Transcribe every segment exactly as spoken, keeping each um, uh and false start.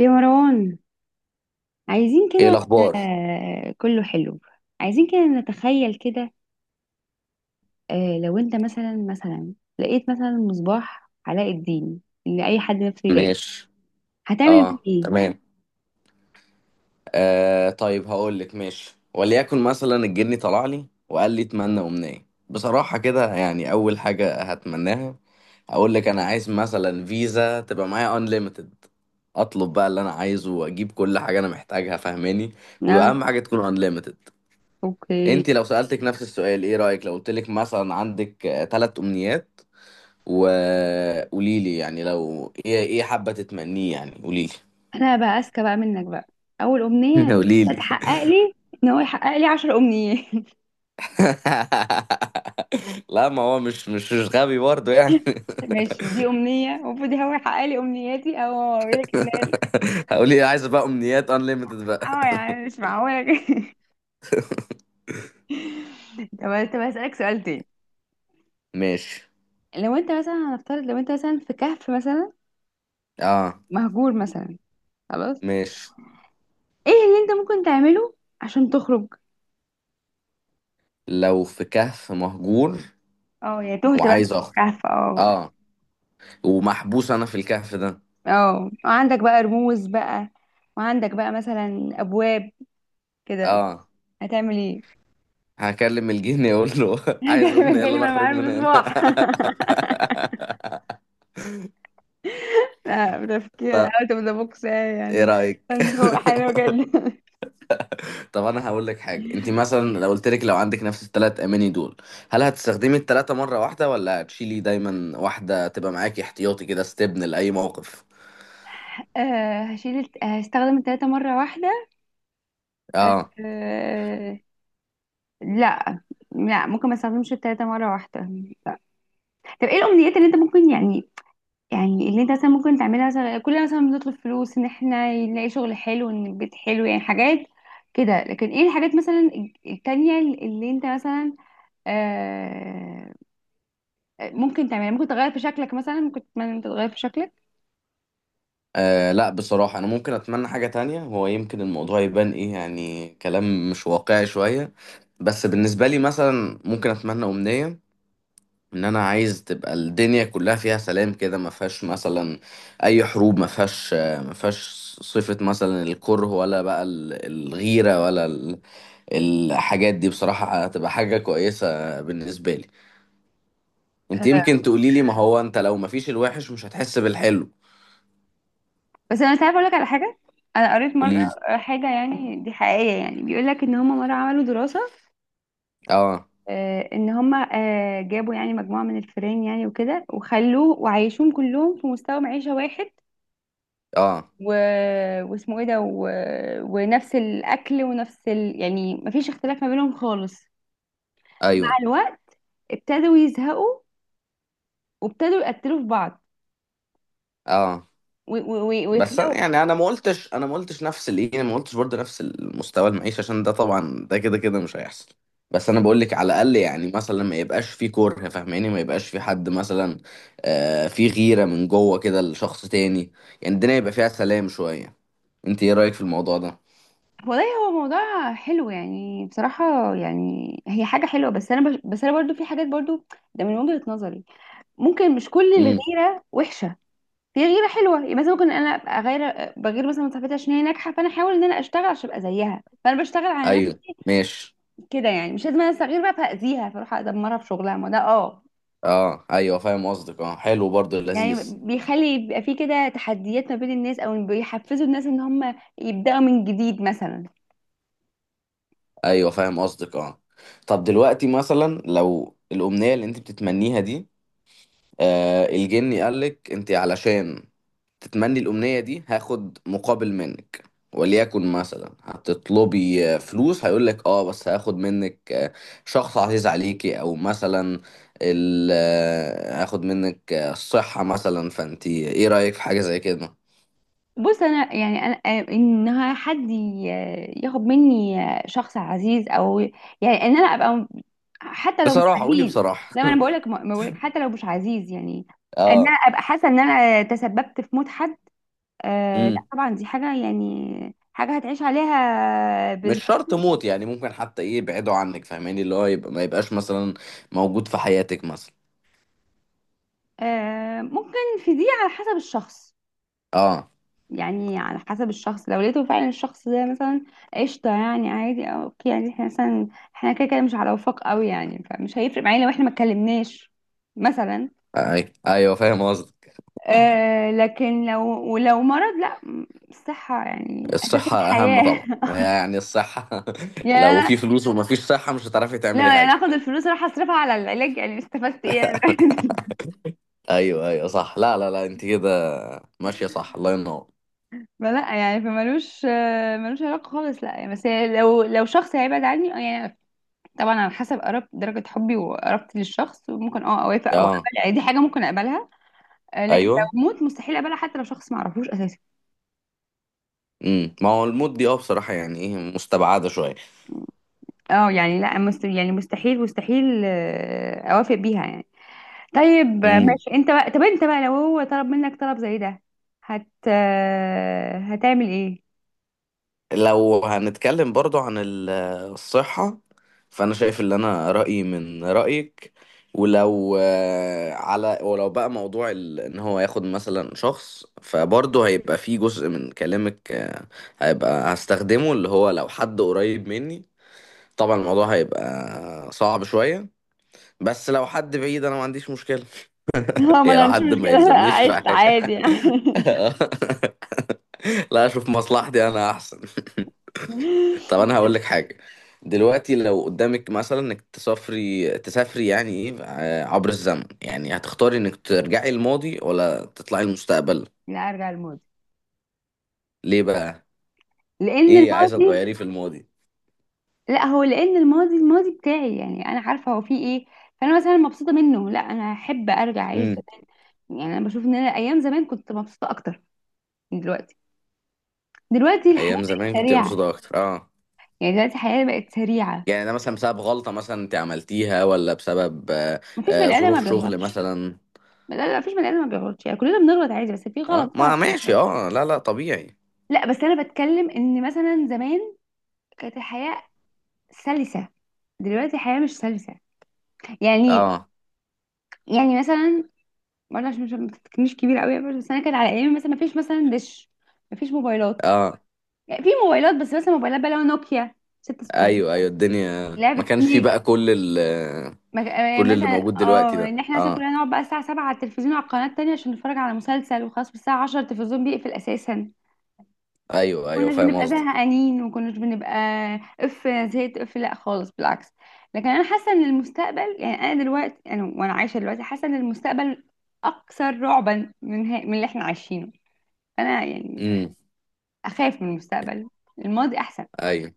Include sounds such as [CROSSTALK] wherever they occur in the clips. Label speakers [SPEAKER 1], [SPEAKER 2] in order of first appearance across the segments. [SPEAKER 1] يا مروان، عايزين
[SPEAKER 2] ايه
[SPEAKER 1] كده.
[SPEAKER 2] الاخبار؟
[SPEAKER 1] آه، كله حلو. عايزين كده نتخيل كده. آه، لو انت مثلا مثلا لقيت مثلا مصباح علاء الدين اللي اي حد نفسه يلاقيه.
[SPEAKER 2] ماشي.
[SPEAKER 1] هتعمل بيه
[SPEAKER 2] اه،
[SPEAKER 1] ايه؟
[SPEAKER 2] تمام. آه، طيب هقول لك ماشي. وليكن مثلا الجني طلع لي وقال لي اتمنى امنيه بصراحه كده، يعني اول حاجه هتمناها هقول لك: انا عايز مثلا فيزا تبقى معايا انليمتد، اطلب بقى اللي انا عايزه واجيب كل حاجه انا محتاجها، فاهماني.
[SPEAKER 1] اه
[SPEAKER 2] واهم حاجه تكون انليمتد.
[SPEAKER 1] اوكي.
[SPEAKER 2] انت لو سالتك نفس السؤال، ايه رايك لو قلت لك مثلا عندك آه، تلات امنيات، وقولي لي يعني لو ايه ايه حابه تتمنيه، يعني قولي لي.
[SPEAKER 1] انا بقى اذكى بقى منك بقى. اول
[SPEAKER 2] [LAUGHS]
[SPEAKER 1] امنية
[SPEAKER 2] قولي لي.
[SPEAKER 1] تحقق لي ان هو يحقق لي عشر امنيات.
[SPEAKER 2] [LAUGHS] لا، ما هو مش مش مش غبي برضه يعني.
[SPEAKER 1] [LAUGHS] ماشي، دي امنية المفروض هو يحقق لي امنياتي او اوريلك ان.
[SPEAKER 2] [LAUGHS] هقول ايه؟ عايز بقى امنيات انليمتد بقى.
[SPEAKER 1] اه يا عم مش معقولة [LAUGHS] كده. طب طب هسألك سؤال تاني.
[SPEAKER 2] ماشي.
[SPEAKER 1] لو انت مثلا هنفترض لو انت مثلا في كهف مثلا
[SPEAKER 2] اه،
[SPEAKER 1] مهجور مثلا، خلاص.
[SPEAKER 2] ماشي.
[SPEAKER 1] ايه اللي انت ممكن تعمله عشان تخرج؟
[SPEAKER 2] لو في كهف مهجور
[SPEAKER 1] اه، يا تهت بقى
[SPEAKER 2] وعايز
[SPEAKER 1] في
[SPEAKER 2] اخرج،
[SPEAKER 1] الكهف اه.
[SPEAKER 2] اه، ومحبوس انا في الكهف ده،
[SPEAKER 1] اه وعندك بقى رموز بقى، وعندك بقى مثلا ابواب كده.
[SPEAKER 2] اه،
[SPEAKER 1] هتعمل ايه؟
[SPEAKER 2] هكلم الجن يقول له
[SPEAKER 1] [LAUGHS]
[SPEAKER 2] [LAUGHS] عايز
[SPEAKER 1] جالي
[SPEAKER 2] امنية اللي
[SPEAKER 1] جالي
[SPEAKER 2] انا
[SPEAKER 1] وانا
[SPEAKER 2] اخرج
[SPEAKER 1] معايا
[SPEAKER 2] من هنا.
[SPEAKER 1] المصباح. [LAUGHS] لا،
[SPEAKER 2] [LAUGHS]
[SPEAKER 1] بتفكير
[SPEAKER 2] طب
[SPEAKER 1] اوت اوف ذا بوكس
[SPEAKER 2] ايه
[SPEAKER 1] يعني.
[SPEAKER 2] رايك؟ [LAUGHS]
[SPEAKER 1] [LAUGHS] هو حلو جدا.
[SPEAKER 2] طب انا هقول لك حاجه، انت
[SPEAKER 1] [LAUGHS]
[SPEAKER 2] مثلا لو قلت لك لو عندك نفس الثلاث اماني دول، هل هتستخدمي الثلاثه مره واحده ولا هتشيلي دايما واحده تبقى معاكي احتياطي كده استبن لاي موقف؟
[SPEAKER 1] آه، هشيل الت- هستخدم التلاتة مرة واحدة.
[SPEAKER 2] آه.
[SPEAKER 1] آه، لا. لا، ممكن ما استخدمش التلاتة مرة واحدة. طب ايه الامنيات اللي انت ممكن يعني، يعني اللي انت مثلا ممكن تعملها؟ مثلا كلنا مثلا بنطلب فلوس، ان احنا نلاقي شغل حلو، ان البيت حلو، يعني حاجات كده. لكن ايه الحاجات مثلا التانية اللي انت مثلا آه ممكن تعملها؟ ممكن تغير في شكلك مثلا، ممكن تتمنى إن انت تغير في شكلك.
[SPEAKER 2] اه، لا بصراحه انا ممكن اتمنى حاجه تانية. هو يمكن الموضوع يبان ايه يعني، كلام مش واقعي شويه، بس بالنسبه لي مثلا ممكن اتمنى امنيه ان انا عايز تبقى الدنيا كلها فيها سلام كده، ما فيهاش مثلا اي حروب، ما فيهاش ما فيهاش صفه مثلا الكره، ولا بقى ال- الغيره، ولا الحاجات دي. بصراحة هتبقى حاجة كويسة بالنسبة لي. انت
[SPEAKER 1] آه،
[SPEAKER 2] يمكن تقولي لي ما هو انت لو ما فيش الوحش مش هتحس بالحلو.
[SPEAKER 1] بس انا تعرف اقول لك على حاجة؟ انا قريت مرة
[SPEAKER 2] قولي لي.
[SPEAKER 1] حاجة، يعني دي حقيقية، يعني بيقول لك ان هما مرة عملوا دراسة.
[SPEAKER 2] اه.
[SPEAKER 1] آه، ان هم آه، جابوا يعني مجموعه من الفيران يعني، وكده وخلوه وعيشوهم كلهم في مستوى معيشه واحد،
[SPEAKER 2] اه.
[SPEAKER 1] و... واسمه ايه ده و... ونفس الاكل ونفس ال... يعني مفيش اختلاف ما بينهم خالص. مع
[SPEAKER 2] ايوه.
[SPEAKER 1] الوقت ابتدوا يزهقوا، وابتدوا يقتلوا في بعض،
[SPEAKER 2] اه.
[SPEAKER 1] و... و... و-
[SPEAKER 2] بس أنا-
[SPEAKER 1] ويخلقوا.
[SPEAKER 2] يعني انا ما قلتش انا ما قلتش نفس الايه، ما قلتش برضه نفس المستوى المعيشة، عشان ده طبعا ده كده كده مش هيحصل. بس انا بقول لك على الاقل يعني مثلا ما يبقاش في كره، فاهماني، ما يبقاش في حد مثلا آه في غيرة من جوه كده لشخص تاني. يعني الدنيا يبقى فيها سلام شوية. انت ايه رأيك في الموضوع
[SPEAKER 1] والله هو موضوع حلو يعني، بصراحة يعني هي حاجة حلوة، بس أنا بش... بس أنا برضو في حاجات برضو، ده من وجهة نظري. ممكن مش كل
[SPEAKER 2] ده؟
[SPEAKER 1] الغيرة وحشة، في غيره حلوه. يبقى مثلا ممكن انا ابقى غير، بغير مثلا من صاحبتي عشان هي ناجحه، فانا احاول ان انا اشتغل عشان ابقى زيها، فانا بشتغل على
[SPEAKER 2] ايوه.
[SPEAKER 1] نفسي
[SPEAKER 2] ماشي.
[SPEAKER 1] كده. يعني مش لازم انا استغير بقى فاذيها، فاروح ادمرها في شغلها، ما ده اه.
[SPEAKER 2] اه، ايوه، فاهم قصدك. اه، حلو برضه،
[SPEAKER 1] يعني
[SPEAKER 2] لذيذ.
[SPEAKER 1] بيخلي يبقى في كده تحديات ما بين الناس، او بيحفزوا الناس ان هم يبداوا من جديد مثلا.
[SPEAKER 2] ايوه، فاهم قصدك. اه، طب دلوقتي مثلا لو الامنيه اللي انت بتتمنيها دي، آه الجني قالك انت علشان تتمني الامنيه دي هاخد مقابل منك، وليكن مثلا هتطلبي آه، فلوس، هيقولك اه بس هاخد منك آه، شخص عزيز عليكي، او مثلا ال- آه، هاخد منك آه، الصحه مثلا، فانت ايه رايك في حاجه زي كده؟
[SPEAKER 1] بص انا يعني انا آه، ان حد ي- ياخد مني آه، شخص عزيز او يعني ان انا ابقى حتى لو مش
[SPEAKER 2] بصراحه قولي
[SPEAKER 1] عزيز.
[SPEAKER 2] بصراحه.
[SPEAKER 1] لا، ما انا بقول
[SPEAKER 2] [LAUGHS]
[SPEAKER 1] لك، ما بقول لك حتى لو مش عزيز، يعني ان انا
[SPEAKER 2] اه.
[SPEAKER 1] ابقى حاسه ان انا تسببت في موت حد. آه لا
[SPEAKER 2] امم
[SPEAKER 1] طبعا، دي حاجه يعني حاجه هتعيش عليها
[SPEAKER 2] مش شرط
[SPEAKER 1] بالظبط.
[SPEAKER 2] موت يعني. ممكن حتى ايه، يبعدوا عنك، فاهماني، اللي هو يبقى ما يبقاش مثلا موجود في حياتك مثلا.
[SPEAKER 1] آه ممكن، في دي على حسب الشخص.
[SPEAKER 2] اه.
[SPEAKER 1] يعني على حسب الشخص، لو لقيته فعلا الشخص ده مثلا قشطة، يعني عادي أو اوكي، يعني احنا مثلا احنا كده كده مش على وفاق قوي يعني، فمش هيفرق معايا لو احنا ما اتكلمناش مثلا.
[SPEAKER 2] اي ايوه، فاهم قصدك.
[SPEAKER 1] آه لكن لو، ولو مرض، لا م- الصحة يعني أساس
[SPEAKER 2] الصحة اهم طبعا
[SPEAKER 1] الحياة.
[SPEAKER 2] يعني، الصحة.
[SPEAKER 1] [LAUGHS]
[SPEAKER 2] [LAUGHS]
[SPEAKER 1] يعني
[SPEAKER 2] لو في
[SPEAKER 1] أنا،
[SPEAKER 2] فلوس وما فيش صحة مش هتعرفي تعملي
[SPEAKER 1] لا يعني أنا
[SPEAKER 2] حاجة.
[SPEAKER 1] آخد الفلوس أروح أصرفها على العلاج، يعني استفدت إيه يعني؟ [LAUGHS]
[SPEAKER 2] ايوه ايوه، صح. لا لا لا، انت كده ماشية، صح. الله ينور.
[SPEAKER 1] فلا يعني فمالوش آه، ملوش علاقة خالص. لا يعني بس لو، لو شخص هيبعد عني آه، يعني طبعا على حسب قرب درجة حبي وقربتي للشخص، ممكن اه اوافق او
[SPEAKER 2] اه.
[SPEAKER 1] اقبل، يعني دي حاجة ممكن اقبلها. آه، لكن
[SPEAKER 2] ايوه.
[SPEAKER 1] لو موت مستحيل اقبلها، حتى لو شخص ما اعرفوش اساسا.
[SPEAKER 2] امم ما هو الموت دي اه بصراحة يعني ايه مستبعدة شوية.
[SPEAKER 1] اه يعني لا مست... يعني مستحيل مستحيل آه، اوافق بيها يعني. طيب آه،
[SPEAKER 2] مم.
[SPEAKER 1] ماشي انت بقى. طب انت بقى لو هو طلب منك طلب زي ده، هت آه، هتعمل ايه؟
[SPEAKER 2] لو هنتكلم برضو عن ال- الصحة، فأنا شايف اللي أنا رأيي من رأيك. ولو آه، على ولو بقى موضوع ال- إن هو ياخد مثلا شخص، فبرضو هيبقى فيه جزء من كلامك، آه، هيبقى هستخدمه اللي هو لو حد قريب مني، طبعا الموضوع هيبقى صعب شوية. بس لو حد بعيد أنا ما عنديش مشكلة.
[SPEAKER 1] [LAUGHS] اه،
[SPEAKER 2] [LAUGHS]
[SPEAKER 1] ما
[SPEAKER 2] يعني
[SPEAKER 1] انا
[SPEAKER 2] لو
[SPEAKER 1] عنديش
[SPEAKER 2] حد ما
[SPEAKER 1] مشكلة. [LAUGHS] انا
[SPEAKER 2] يلزمنيش في
[SPEAKER 1] عشت
[SPEAKER 2] حاجة.
[SPEAKER 1] عادي يعني.
[SPEAKER 2] [LAUGHS] لا، أشوف مصلحتي أنا أحسن. [LAUGHS] طب انا هقول لك حاجه، دلوقتي لو قدامك مثلا انك تسافري تسافري يعني ايه ع- عبر الزمن، يعني هتختاري انك ترجعي الماضي ولا تطلعي المستقبل؟
[SPEAKER 1] [LAUGHS] لا، ارجع للماضي.
[SPEAKER 2] ليه بقى؟
[SPEAKER 1] لان
[SPEAKER 2] ايه، عايزه
[SPEAKER 1] الماضي،
[SPEAKER 2] تغيري في الماضي؟
[SPEAKER 1] لا هو لان الماضي، الماضي بتاعي يعني انا عارفه هو فيه ايه، فانا مثلا مبسوطه منه. لا، انا احب ارجع اعيش
[SPEAKER 2] امم.
[SPEAKER 1] زمان. يعني انا بشوف ان انا ايام زمان كنت مبسوطه اكتر من دلوقتي. دلوقتي الحياه
[SPEAKER 2] ايام زمان
[SPEAKER 1] بقت
[SPEAKER 2] كنت
[SPEAKER 1] سريعه،
[SPEAKER 2] مبسوطه اكتر، اه.
[SPEAKER 1] يعني دلوقتي الحياه بقت سريعه.
[SPEAKER 2] يعني ده مثلا بسبب غلطه مثلا انت عملتيها، ولا بسبب آه،
[SPEAKER 1] مفيش
[SPEAKER 2] آه،
[SPEAKER 1] بني ادم ما
[SPEAKER 2] ظروف شغل
[SPEAKER 1] بيغلطش.
[SPEAKER 2] مثلا؟
[SPEAKER 1] لا لا، مفيش بني ادم ما بيغلطش، يعني كلنا بنغلط عادي، بس في
[SPEAKER 2] اه،
[SPEAKER 1] غلط طبعاً
[SPEAKER 2] ما ماشي،
[SPEAKER 1] بنغلط.
[SPEAKER 2] اه، لا لا، طبيعي.
[SPEAKER 1] لا بس انا بتكلم ان مثلا زمان كانت الحياه سلسه، دلوقتي الحياه مش سلسه. يعني،
[SPEAKER 2] اه.
[SPEAKER 1] يعني مثلا برضه، عشان مش مش كبير قوي يا باشا، بس انا كان على ايامي مثلا ما فيش مثلا دش، ما فيش موبايلات.
[SPEAKER 2] اه،
[SPEAKER 1] يعني في موبايلات بس مثلا موبايلات بقى اللي هو نوكيا ستة آلاف وستمية،
[SPEAKER 2] ايوه ايوه، الدنيا
[SPEAKER 1] لعبة
[SPEAKER 2] ما كانش فيه بقى
[SPEAKER 1] سنيك.
[SPEAKER 2] كل ال
[SPEAKER 1] ما- آه،
[SPEAKER 2] كل اللي
[SPEAKER 1] مثلا
[SPEAKER 2] موجود دلوقتي
[SPEAKER 1] اه
[SPEAKER 2] ده،
[SPEAKER 1] ان احنا مثلا
[SPEAKER 2] اه.
[SPEAKER 1] كنا نقعد بقى الساعة سبعة على التلفزيون على القناة التانية عشان نتفرج على مسلسل، وخلاص الساعة عشرة التلفزيون بيقفل اساسا.
[SPEAKER 2] ايوه ايوه،
[SPEAKER 1] كناش
[SPEAKER 2] فاهم
[SPEAKER 1] بنبقى
[SPEAKER 2] قصدي.
[SPEAKER 1] زهقانين، وكناش بنبقى اف أنا زهقت اف، لا خالص بالعكس. لكن انا حاسة ان المستقبل، يعني انا دلوقتي انا وانا عايشة دلوقتي، حاسة ان المستقبل اكثر رعبا من ها- من اللي احنا عايشينه. انا يعني
[SPEAKER 2] امم،
[SPEAKER 1] اخاف من المستقبل، الماضي احسن.
[SPEAKER 2] ايوه.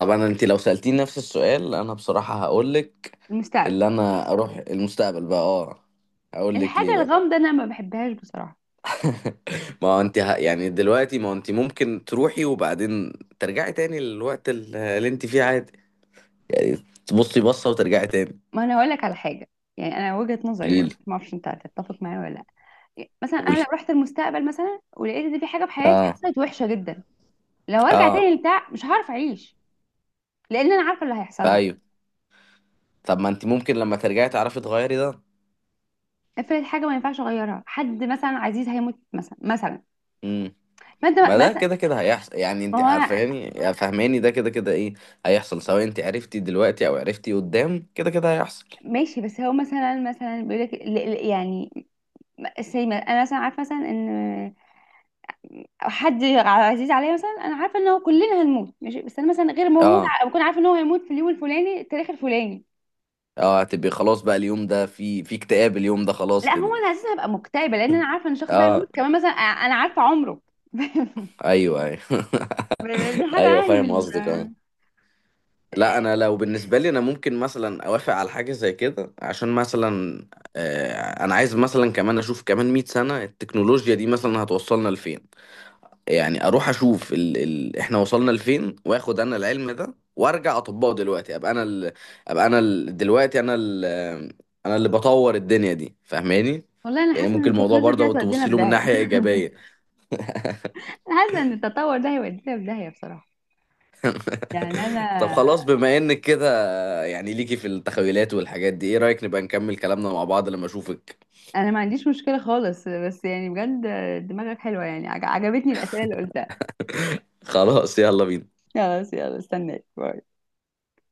[SPEAKER 2] طب انا، انت لو سألتيني نفس السؤال انا بصراحة هقول لك
[SPEAKER 1] المستقبل
[SPEAKER 2] اللي انا اروح المستقبل بقى، اه، هقول لك
[SPEAKER 1] الحاجه
[SPEAKER 2] ليه بقى.
[SPEAKER 1] الغامضه انا ما بحبهاش بصراحه.
[SPEAKER 2] [LAUGHS] ما هو انت ه... يعني دلوقتي ما هو انت ممكن تروحي وبعدين ترجعي تاني للوقت ال- اللي انت فيه عادي يعني، تبصي بصة وترجعي تاني.
[SPEAKER 1] ما انا هقول لك على حاجه، يعني انا وجهه نظري
[SPEAKER 2] قولي
[SPEAKER 1] بقول
[SPEAKER 2] لي.
[SPEAKER 1] لك، ما اعرفش انت هتتفق معايا ولا لا. مثلا انا
[SPEAKER 2] قولي.
[SPEAKER 1] لو رحت المستقبل مثلا ولقيت ان في حاجه في حياتي
[SPEAKER 2] اه.
[SPEAKER 1] حصلت وحشه جدا، لو ارجع
[SPEAKER 2] اه،
[SPEAKER 1] تاني لبتاع مش هعرف اعيش، لان انا عارفه اللي هيحصل لي.
[SPEAKER 2] ايوه. طب ما انت ممكن لما ترجعي تعرفي تغيري ده؟
[SPEAKER 1] افرض حاجه ما ينفعش اغيرها، حد مثلا عزيز هيموت مثلا مثلا،
[SPEAKER 2] امم.
[SPEAKER 1] فانت
[SPEAKER 2] ما ده
[SPEAKER 1] مثلا.
[SPEAKER 2] كده كده هيحصل يعني،
[SPEAKER 1] ما
[SPEAKER 2] انت
[SPEAKER 1] هو أنا-
[SPEAKER 2] عارفاني يعني، فاهماني، ده كده كده ايه، هيحصل سواء انت عرفتي دلوقتي او عرفتي قدام كده كده هيحصل.
[SPEAKER 1] ماشي، بس هو مثلا مثلا بيقول لك ل- ل- يعني م- زي ما انا مثلا عارفه مثلا ان، او حد عزيز عليا مثلا، انا عارفه ان هو كلنا هنموت ماشي، بس انا مثلا غير ما اموت
[SPEAKER 2] اه.
[SPEAKER 1] ع- بكون عارفه ان هو هيموت في اليوم الفلاني التاريخ الفلاني.
[SPEAKER 2] اه، هتبقي خلاص بقى اليوم ده في في اكتئاب، اليوم ده خلاص
[SPEAKER 1] لا
[SPEAKER 2] كده.
[SPEAKER 1] هو انا اساسا هبقى مكتئبه، لان انا عارفه ان الشخص ده هيموت
[SPEAKER 2] اه،
[SPEAKER 1] كمان مثلا أ- انا عارفه عمره. [LAUGHS]
[SPEAKER 2] ايوه ايوه. [LAUGHS]
[SPEAKER 1] دي
[SPEAKER 2] ايوه،
[SPEAKER 1] حاجه يعني
[SPEAKER 2] فاهم
[SPEAKER 1] من
[SPEAKER 2] قصدك. اه،
[SPEAKER 1] آه،
[SPEAKER 2] لا انا لو بالنسبه لي انا ممكن مثلا اوافق على حاجه زي كده، عشان مثلا آه انا عايز مثلا كمان اشوف كمان مئة سنه التكنولوجيا دي مثلا هتوصلنا لفين. يعني اروح اشوف ال... ال... احنا وصلنا لفين، واخد انا العلم ده وارجع اطبقه دلوقتي، ابقى انا ال... ابقى انا ال... دلوقتي انا ال... انا اللي بطور الدنيا دي، فاهماني.
[SPEAKER 1] والله انا
[SPEAKER 2] يعني
[SPEAKER 1] حاسه ان
[SPEAKER 2] ممكن الموضوع
[SPEAKER 1] التكنولوجيا دي
[SPEAKER 2] برضه
[SPEAKER 1] هتودينا
[SPEAKER 2] تبص
[SPEAKER 1] في
[SPEAKER 2] له من
[SPEAKER 1] داهيه.
[SPEAKER 2] ناحية
[SPEAKER 1] [LAUGHS]
[SPEAKER 2] إيجابية. [LAUGHS]
[SPEAKER 1] انا حاسه ان التطور ده هيودينا في داهيه بصراحه، يعني
[SPEAKER 2] طب
[SPEAKER 1] انا.
[SPEAKER 2] خلاص بما انك كده يعني ليكي في التخيلات والحاجات دي، ايه رأيك نبقى نكمل كلامنا مع بعض لما اشوفك؟
[SPEAKER 1] انا ما عنديش مشكله خالص، بس يعني بجد دماغك حلوه، يعني عج- عجبتني الاسئله اللي قلتها.
[SPEAKER 2] خلاص، يلا بينا.
[SPEAKER 1] خلاص يلا استناك، باي